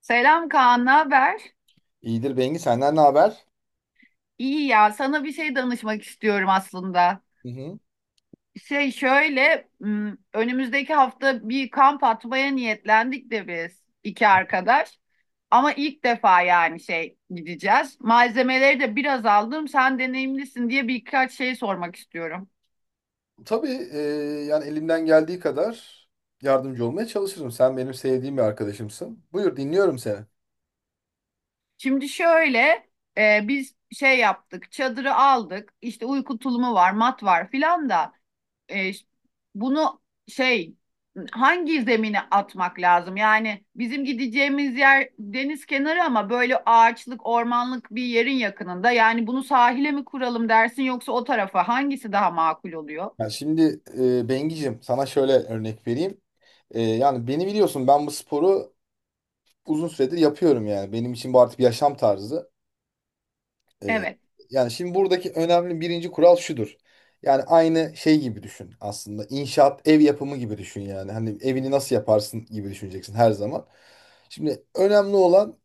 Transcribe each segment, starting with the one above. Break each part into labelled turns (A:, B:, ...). A: Selam Kaan, ne haber?
B: İyidir Bengi senden ne haber?
A: İyi ya, sana bir şey danışmak istiyorum aslında.
B: Hı hı.
A: Önümüzdeki hafta bir kamp atmaya niyetlendik de biz iki arkadaş. Ama ilk defa gideceğiz. Malzemeleri de biraz aldım, sen deneyimlisin diye birkaç şey sormak istiyorum.
B: Tabii yani elimden geldiği kadar yardımcı olmaya çalışırım. Sen benim sevdiğim bir arkadaşımsın. Buyur dinliyorum seni.
A: Şimdi şöyle, Biz yaptık, çadırı aldık, İşte uyku tulumu var, mat var filan da. e, Bunu şey hangi zemine atmak lazım? Yani bizim gideceğimiz yer deniz kenarı ama böyle ağaçlık, ormanlık bir yerin yakınında. Yani bunu sahile mi kuralım dersin yoksa o tarafa hangisi daha makul oluyor?
B: Yani şimdi Bengi'cim sana şöyle örnek vereyim. Yani beni biliyorsun ben bu sporu uzun süredir yapıyorum yani. Benim için bu artık bir yaşam tarzı. E,
A: Evet,
B: Yani şimdi buradaki önemli birinci kural şudur. Yani aynı şey gibi düşün aslında. İnşaat, ev yapımı gibi düşün yani. Hani evini nasıl yaparsın gibi düşüneceksin her zaman. Şimdi önemli olan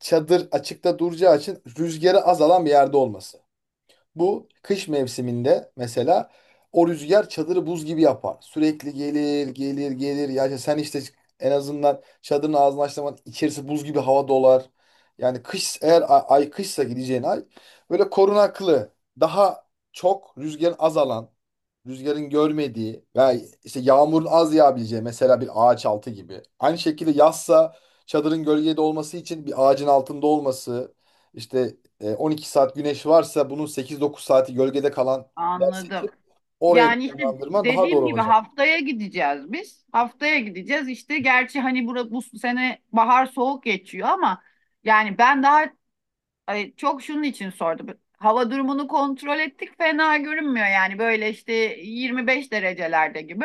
B: çadır açıkta duracağı için rüzgarı azalan bir yerde olması. Bu kış mevsiminde mesela o rüzgar çadırı buz gibi yapar. Sürekli gelir, gelir, gelir. Yani sen işte en azından çadırın ağzını açtığın zaman içerisi buz gibi hava dolar. Yani kış eğer ay kışsa gideceğin ay böyle korunaklı, daha çok rüzgarın azalan, rüzgarın görmediği veya işte yağmurun az yağabileceği mesela bir ağaç altı gibi. Aynı şekilde yazsa çadırın gölgede olması için bir ağacın altında olması, işte 12 saat güneş varsa bunun 8-9 saati gölgede kalan yer
A: anladım.
B: seçip oraya
A: Yani işte
B: konumlandırman daha doğru
A: dediğim gibi
B: olacak.
A: haftaya gideceğiz biz. Haftaya gideceğiz işte. Gerçi hani bu sene bahar soğuk geçiyor ama yani ben daha... Ay, çok şunun için sordum. Hava durumunu kontrol ettik. Fena görünmüyor, yani böyle işte 25 derecelerde gibi.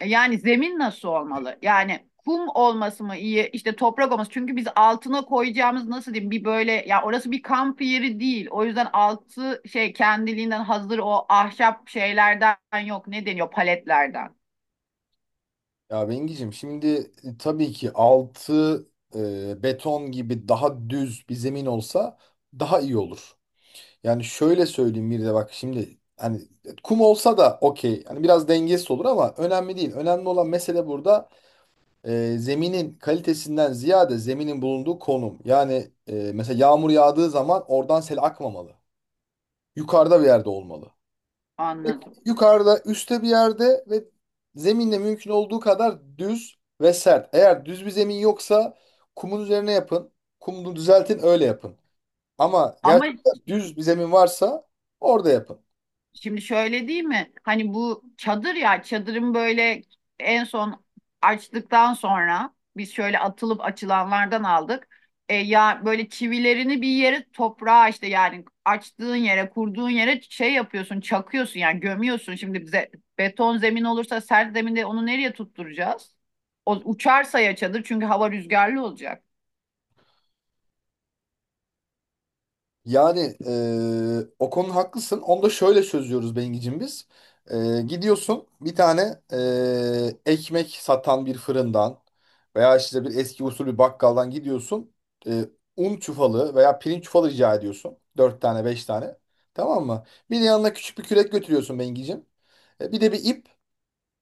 A: Yani zemin nasıl olmalı? Yani kum olması mı iyi? İşte toprak olması. Çünkü biz altına koyacağımız, nasıl diyeyim, bir böyle ya, orası bir kamp yeri değil. O yüzden altı kendiliğinden hazır o ahşap şeylerden yok. Ne deniyor? Paletlerden.
B: Ya Bengi'cim şimdi tabii ki altı beton gibi daha düz bir zemin olsa daha iyi olur. Yani şöyle söyleyeyim bir de bak şimdi hani kum olsa da okey. Hani biraz dengesiz olur ama önemli değil. Önemli olan mesele burada zeminin kalitesinden ziyade zeminin bulunduğu konum. Yani mesela yağmur yağdığı zaman oradan sel akmamalı. Yukarıda bir yerde olmalı.
A: Anladım.
B: Yukarıda, üstte bir yerde ve zeminle mümkün olduğu kadar düz ve sert. Eğer düz bir zemin yoksa kumun üzerine yapın. Kumunu düzeltin, öyle yapın. Ama
A: Ama
B: gerçekten düz bir zemin varsa orada yapın.
A: şimdi şöyle değil mi? Hani bu çadır, ya çadırın böyle en son açtıktan sonra biz şöyle atılıp açılanlardan aldık. E, ya böyle çivilerini bir yere toprağa, işte yani açtığın yere, kurduğun yere yapıyorsun, çakıyorsun yani, gömüyorsun. Şimdi bize beton zemin olursa, sert zeminde onu nereye tutturacağız? O uçarsa ya çadır, çünkü hava rüzgarlı olacak.
B: Yani o konuda haklısın. Onu da şöyle çözüyoruz Bengicim biz. Gidiyorsun bir tane ekmek satan bir fırından veya işte bir eski usul bir bakkaldan gidiyorsun. Eee, Un çuvalı veya pirinç çuvalı rica ediyorsun. Dört tane beş tane. Tamam mı? Bir de yanına küçük bir kürek götürüyorsun Bengicim. Bir de bir ip.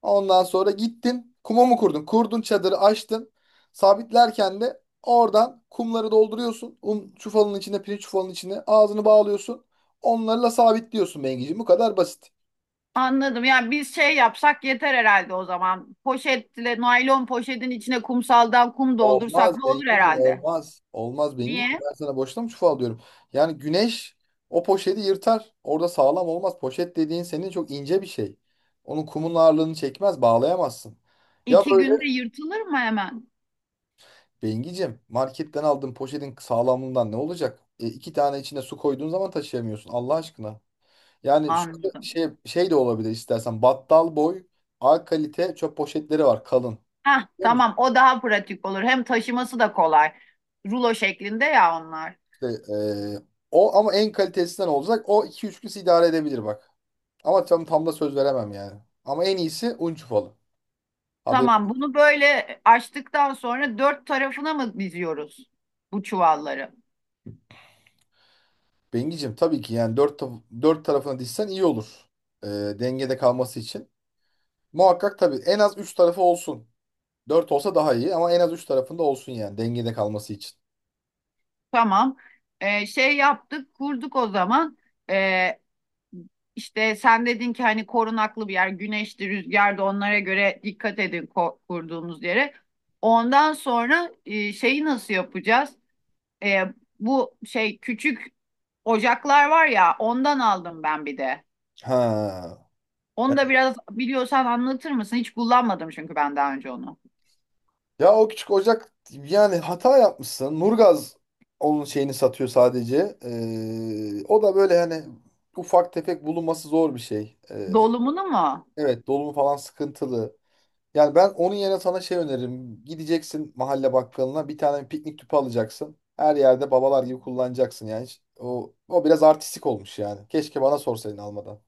B: Ondan sonra gittin kuma mı kurdun? Kurdun çadırı açtın. Sabitlerken de oradan kumları dolduruyorsun. Un çuvalının içine, pirinç çuvalının içine ağzını bağlıyorsun. Onlarla sabitliyorsun Bengiciğim. Bu kadar basit.
A: Anladım. Yani biz yapsak yeter herhalde o zaman. Poşetle, naylon poşetin içine kumsaldan kum
B: Olmaz
A: doldursak ne olur
B: Bengiciğim
A: herhalde.
B: olmaz. Olmaz Bengiciğim.
A: Niye?
B: Ben sana boşuna mı çuval diyorum. Yani güneş o poşeti yırtar. Orada sağlam olmaz. Poşet dediğin senin çok ince bir şey. Onun kumun ağırlığını çekmez, bağlayamazsın. Ya
A: İki
B: böyle
A: günde yırtılır mı hemen?
B: Bengicim, marketten aldığın poşetin sağlamlığından ne olacak? İki tane içine su koyduğun zaman taşıyamıyorsun Allah aşkına. Yani şu
A: Anladım.
B: şey, şey de olabilir istersen. Battal boy A kalite çöp poşetleri var kalın.
A: Hah,
B: Biliyor musun?
A: tamam, o daha pratik olur. Hem taşıması da kolay. Rulo şeklinde ya onlar.
B: İşte, e, o ama en kalitesinden olacak. O iki üç gün sizi idare edebilir bak. Ama tam da söz veremem yani. Ama en iyisi un çufalı. Abi
A: Tamam, bunu böyle açtıktan sonra dört tarafına mı diziyoruz bu çuvalları?
B: Bengicim tabii ki yani dört tarafına dişsen iyi olur. E, Dengede kalması için. Muhakkak tabii en az 3 tarafı olsun. 4 olsa daha iyi ama en az 3 tarafında olsun yani dengede kalması için.
A: Tamam. Şey yaptık, kurduk o zaman. Ee, işte sen dedin ki hani korunaklı bir yer, güneşli, rüzgarda onlara göre dikkat edin kurduğunuz yere. Ondan sonra şeyi nasıl yapacağız? E, bu küçük ocaklar var ya, ondan aldım ben bir de.
B: Ha.
A: Onu da biraz biliyorsan anlatır mısın? Hiç kullanmadım çünkü ben daha önce onu.
B: Ya o küçük ocak yani hata yapmışsın. Nurgaz onun şeyini satıyor sadece. O da böyle hani ufak tefek bulunması zor bir şey.
A: Dolumunu mu?
B: Evet dolumu falan sıkıntılı. Yani ben onun yerine sana şey öneririm. Gideceksin mahalle bakkalına bir tane piknik tüpü alacaksın. Her yerde babalar gibi kullanacaksın yani. O biraz artistik olmuş yani. Keşke bana sorsaydın almadan.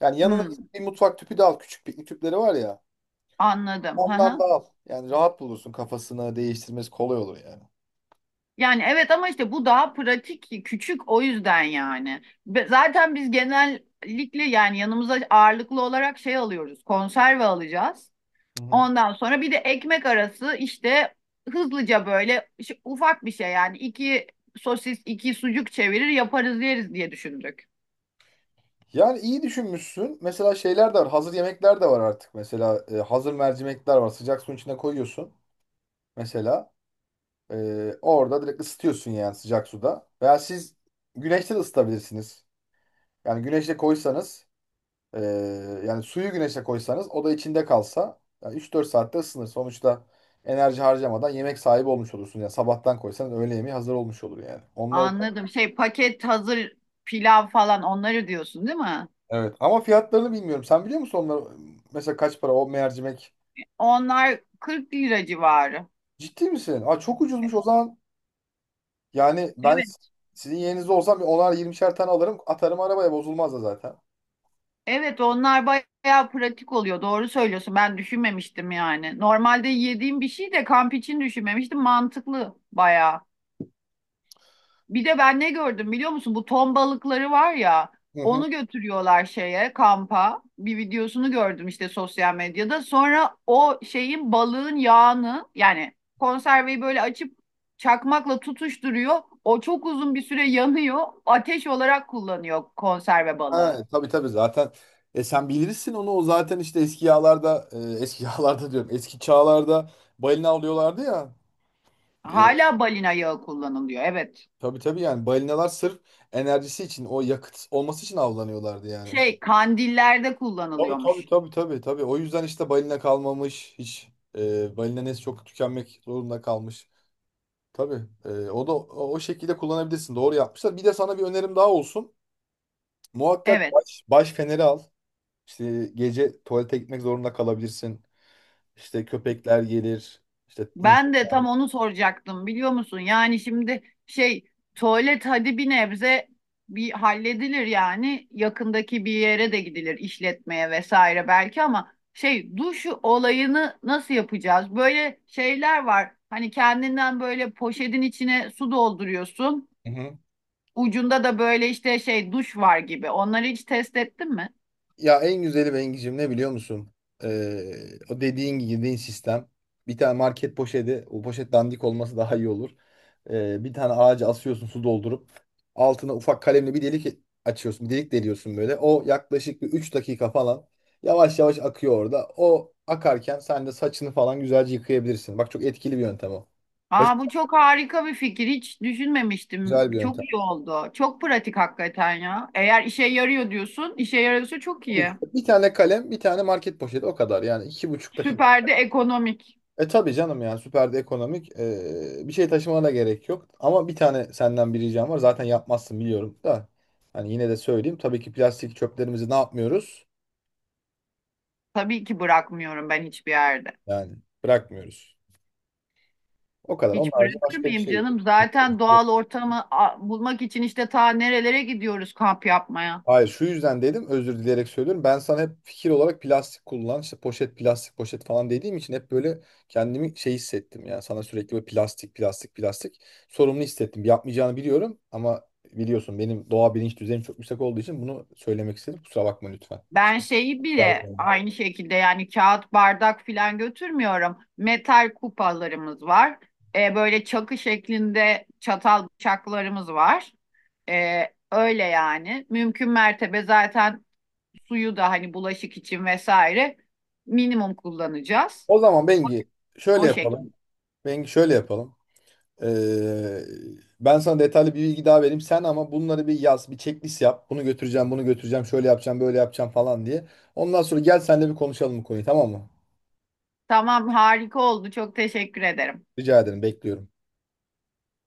B: Yani yanına
A: Hmm,
B: git bir mutfak tüpü de al. Küçük piknik tüpleri var ya.
A: anladım.
B: Ondan da al. Yani rahat bulursun kafasını değiştirmesi kolay olur yani.
A: Yani evet, ama işte bu daha pratik, küçük, o yüzden yani. Ve zaten biz genellikle yani yanımıza ağırlıklı olarak alıyoruz, konserve alacağız.
B: Hı hı.
A: Ondan sonra bir de ekmek arası işte hızlıca böyle işte ufak bir şey yani, iki sosis, iki sucuk çevirir yaparız, yeriz diye düşündük.
B: Yani iyi düşünmüşsün. Mesela şeyler de var. Hazır yemekler de var artık. Mesela hazır mercimekler var. Sıcak suyun içine koyuyorsun. Mesela e, orada direkt ısıtıyorsun yani sıcak suda. Veya siz güneşte de ısıtabilirsiniz. Yani güneşte koysanız Ee, yani suyu güneşe koysanız o da içinde kalsa yani 3-4 saatte ısınır. Sonuçta enerji harcamadan yemek sahibi olmuş olursun. Yani sabahtan koysanız öğle yemeği hazır olmuş olur yani. Onları
A: Anladım. Şey, paket hazır pilav falan, onları diyorsun değil mi?
B: evet ama fiyatlarını bilmiyorum. Sen biliyor musun onları mesela kaç para o mercimek?
A: Onlar 40 lira civarı.
B: Ciddi misin? Aa, çok ucuzmuş o zaman. Yani ben
A: Evet.
B: s- Sizin yerinizde olsam bir onar yirmişer tane alırım atarım arabaya bozulmaz da zaten.
A: Evet, onlar bayağı pratik oluyor. Doğru söylüyorsun. Ben düşünmemiştim yani. Normalde yediğim bir şey de, kamp için düşünmemiştim. Mantıklı bayağı. Bir de ben ne gördüm biliyor musun? Bu ton balıkları var ya.
B: Hı hı.
A: Onu götürüyorlar şeye, kampa. Bir videosunu gördüm işte, sosyal medyada. Sonra o şeyin, balığın yağını yani, konserveyi böyle açıp çakmakla tutuşturuyor. O çok uzun bir süre yanıyor. Ateş olarak kullanıyor konserve balığı.
B: Ha, tabii tabii zaten sen bilirsin onu o zaten işte eski yağlarda eski yağlarda diyorum eski çağlarda balina avlıyorlardı ya e,
A: Hala balina yağı kullanılıyor. Evet.
B: tabii tabii yani balinalar sırf enerjisi için o yakıt olması için avlanıyorlardı yani.
A: Şey, kandillerde
B: Tabii tabii
A: kullanılıyormuş.
B: tabii tabii tabii o yüzden işte balina kalmamış hiç balina nesli çok tükenmek zorunda kalmış. Tabii o da o şekilde kullanabilirsin doğru yapmışlar. Bir de sana bir önerim daha olsun muhakkak
A: Evet.
B: baş feneri al. İşte gece tuvalete gitmek zorunda kalabilirsin. İşte köpekler gelir. İşte
A: Ben de tam onu soracaktım, biliyor musun? Yani şimdi şey, tuvalet hadi bir nebze bir halledilir yani. Yakındaki bir yere de gidilir, işletmeye vesaire belki, ama şey, duş olayını nasıl yapacağız? Böyle şeyler var. Hani kendinden böyle, poşetin içine su dolduruyorsun.
B: Hı hı.
A: Ucunda da böyle işte şey, duş var gibi. Onları hiç test ettin mi?
B: Ya en güzeli Bengi'cim ne biliyor musun? Ee, O dediğin girdiğin sistem. Bir tane market poşeti. O poşet dandik olması daha iyi olur. Bir tane ağaca asıyorsun su doldurup. Altına ufak kalemle bir delik açıyorsun. Bir delik deliyorsun böyle. O yaklaşık bir 3 dakika falan. Yavaş yavaş akıyor orada. O akarken sen de saçını falan güzelce yıkayabilirsin. Bak çok etkili bir yöntem o. Basit,
A: Aa, bu çok harika bir fikir. Hiç düşünmemiştim.
B: güzel bir
A: Çok
B: yöntem.
A: iyi oldu. Çok pratik hakikaten ya. Eğer işe yarıyor diyorsun, işe yarıyorsa çok
B: Tabii
A: iyi.
B: ki. Bir tane kalem, bir tane market poşeti o kadar. Yani iki buçuk
A: Süper de ekonomik.
B: E tabii canım yani süperde ekonomik bir şey taşımana da gerek yok. Ama bir tane senden bir ricam var. Zaten yapmazsın biliyorum da. Hani yine de söyleyeyim. Tabii ki plastik çöplerimizi ne yapmıyoruz?
A: Tabii ki bırakmıyorum ben hiçbir yerde.
B: Yani bırakmıyoruz. O kadar. Onun
A: Hiç
B: harici
A: bırakır
B: başka bir
A: mıyım
B: şey yok.
A: canım? Zaten doğal ortamı bulmak için işte ta nerelere gidiyoruz kamp yapmaya.
B: Hayır şu yüzden dedim özür dileyerek söylüyorum. Ben sana hep fikir olarak plastik kullan işte poşet plastik poşet falan dediğim için hep böyle kendimi şey hissettim ya sana sürekli böyle plastik plastik plastik sorumlu hissettim. Yapmayacağını biliyorum ama biliyorsun benim doğa bilinç düzeyim çok yüksek olduğu için bunu söylemek istedim. Kusura bakma lütfen.
A: Ben şeyi bile
B: Yalvarırım.
A: aynı şekilde, yani kağıt bardak filan götürmüyorum. Metal kupalarımız var. Böyle çakı şeklinde çatal bıçaklarımız var. E, öyle yani. Mümkün mertebe zaten suyu da hani bulaşık için vesaire minimum kullanacağız.
B: O zaman Bengi şöyle
A: O
B: yapalım.
A: şekilde.
B: Bengi şöyle yapalım. Ee, Ben sana detaylı bir bilgi daha vereyim. Sen ama bunları bir yaz, bir checklist yap. Bunu götüreceğim, bunu götüreceğim, şöyle yapacağım, böyle yapacağım falan diye. Ondan sonra gel seninle bir konuşalım bu konuyu, tamam mı?
A: Tamam, harika oldu. Çok teşekkür ederim.
B: Rica ederim, bekliyorum.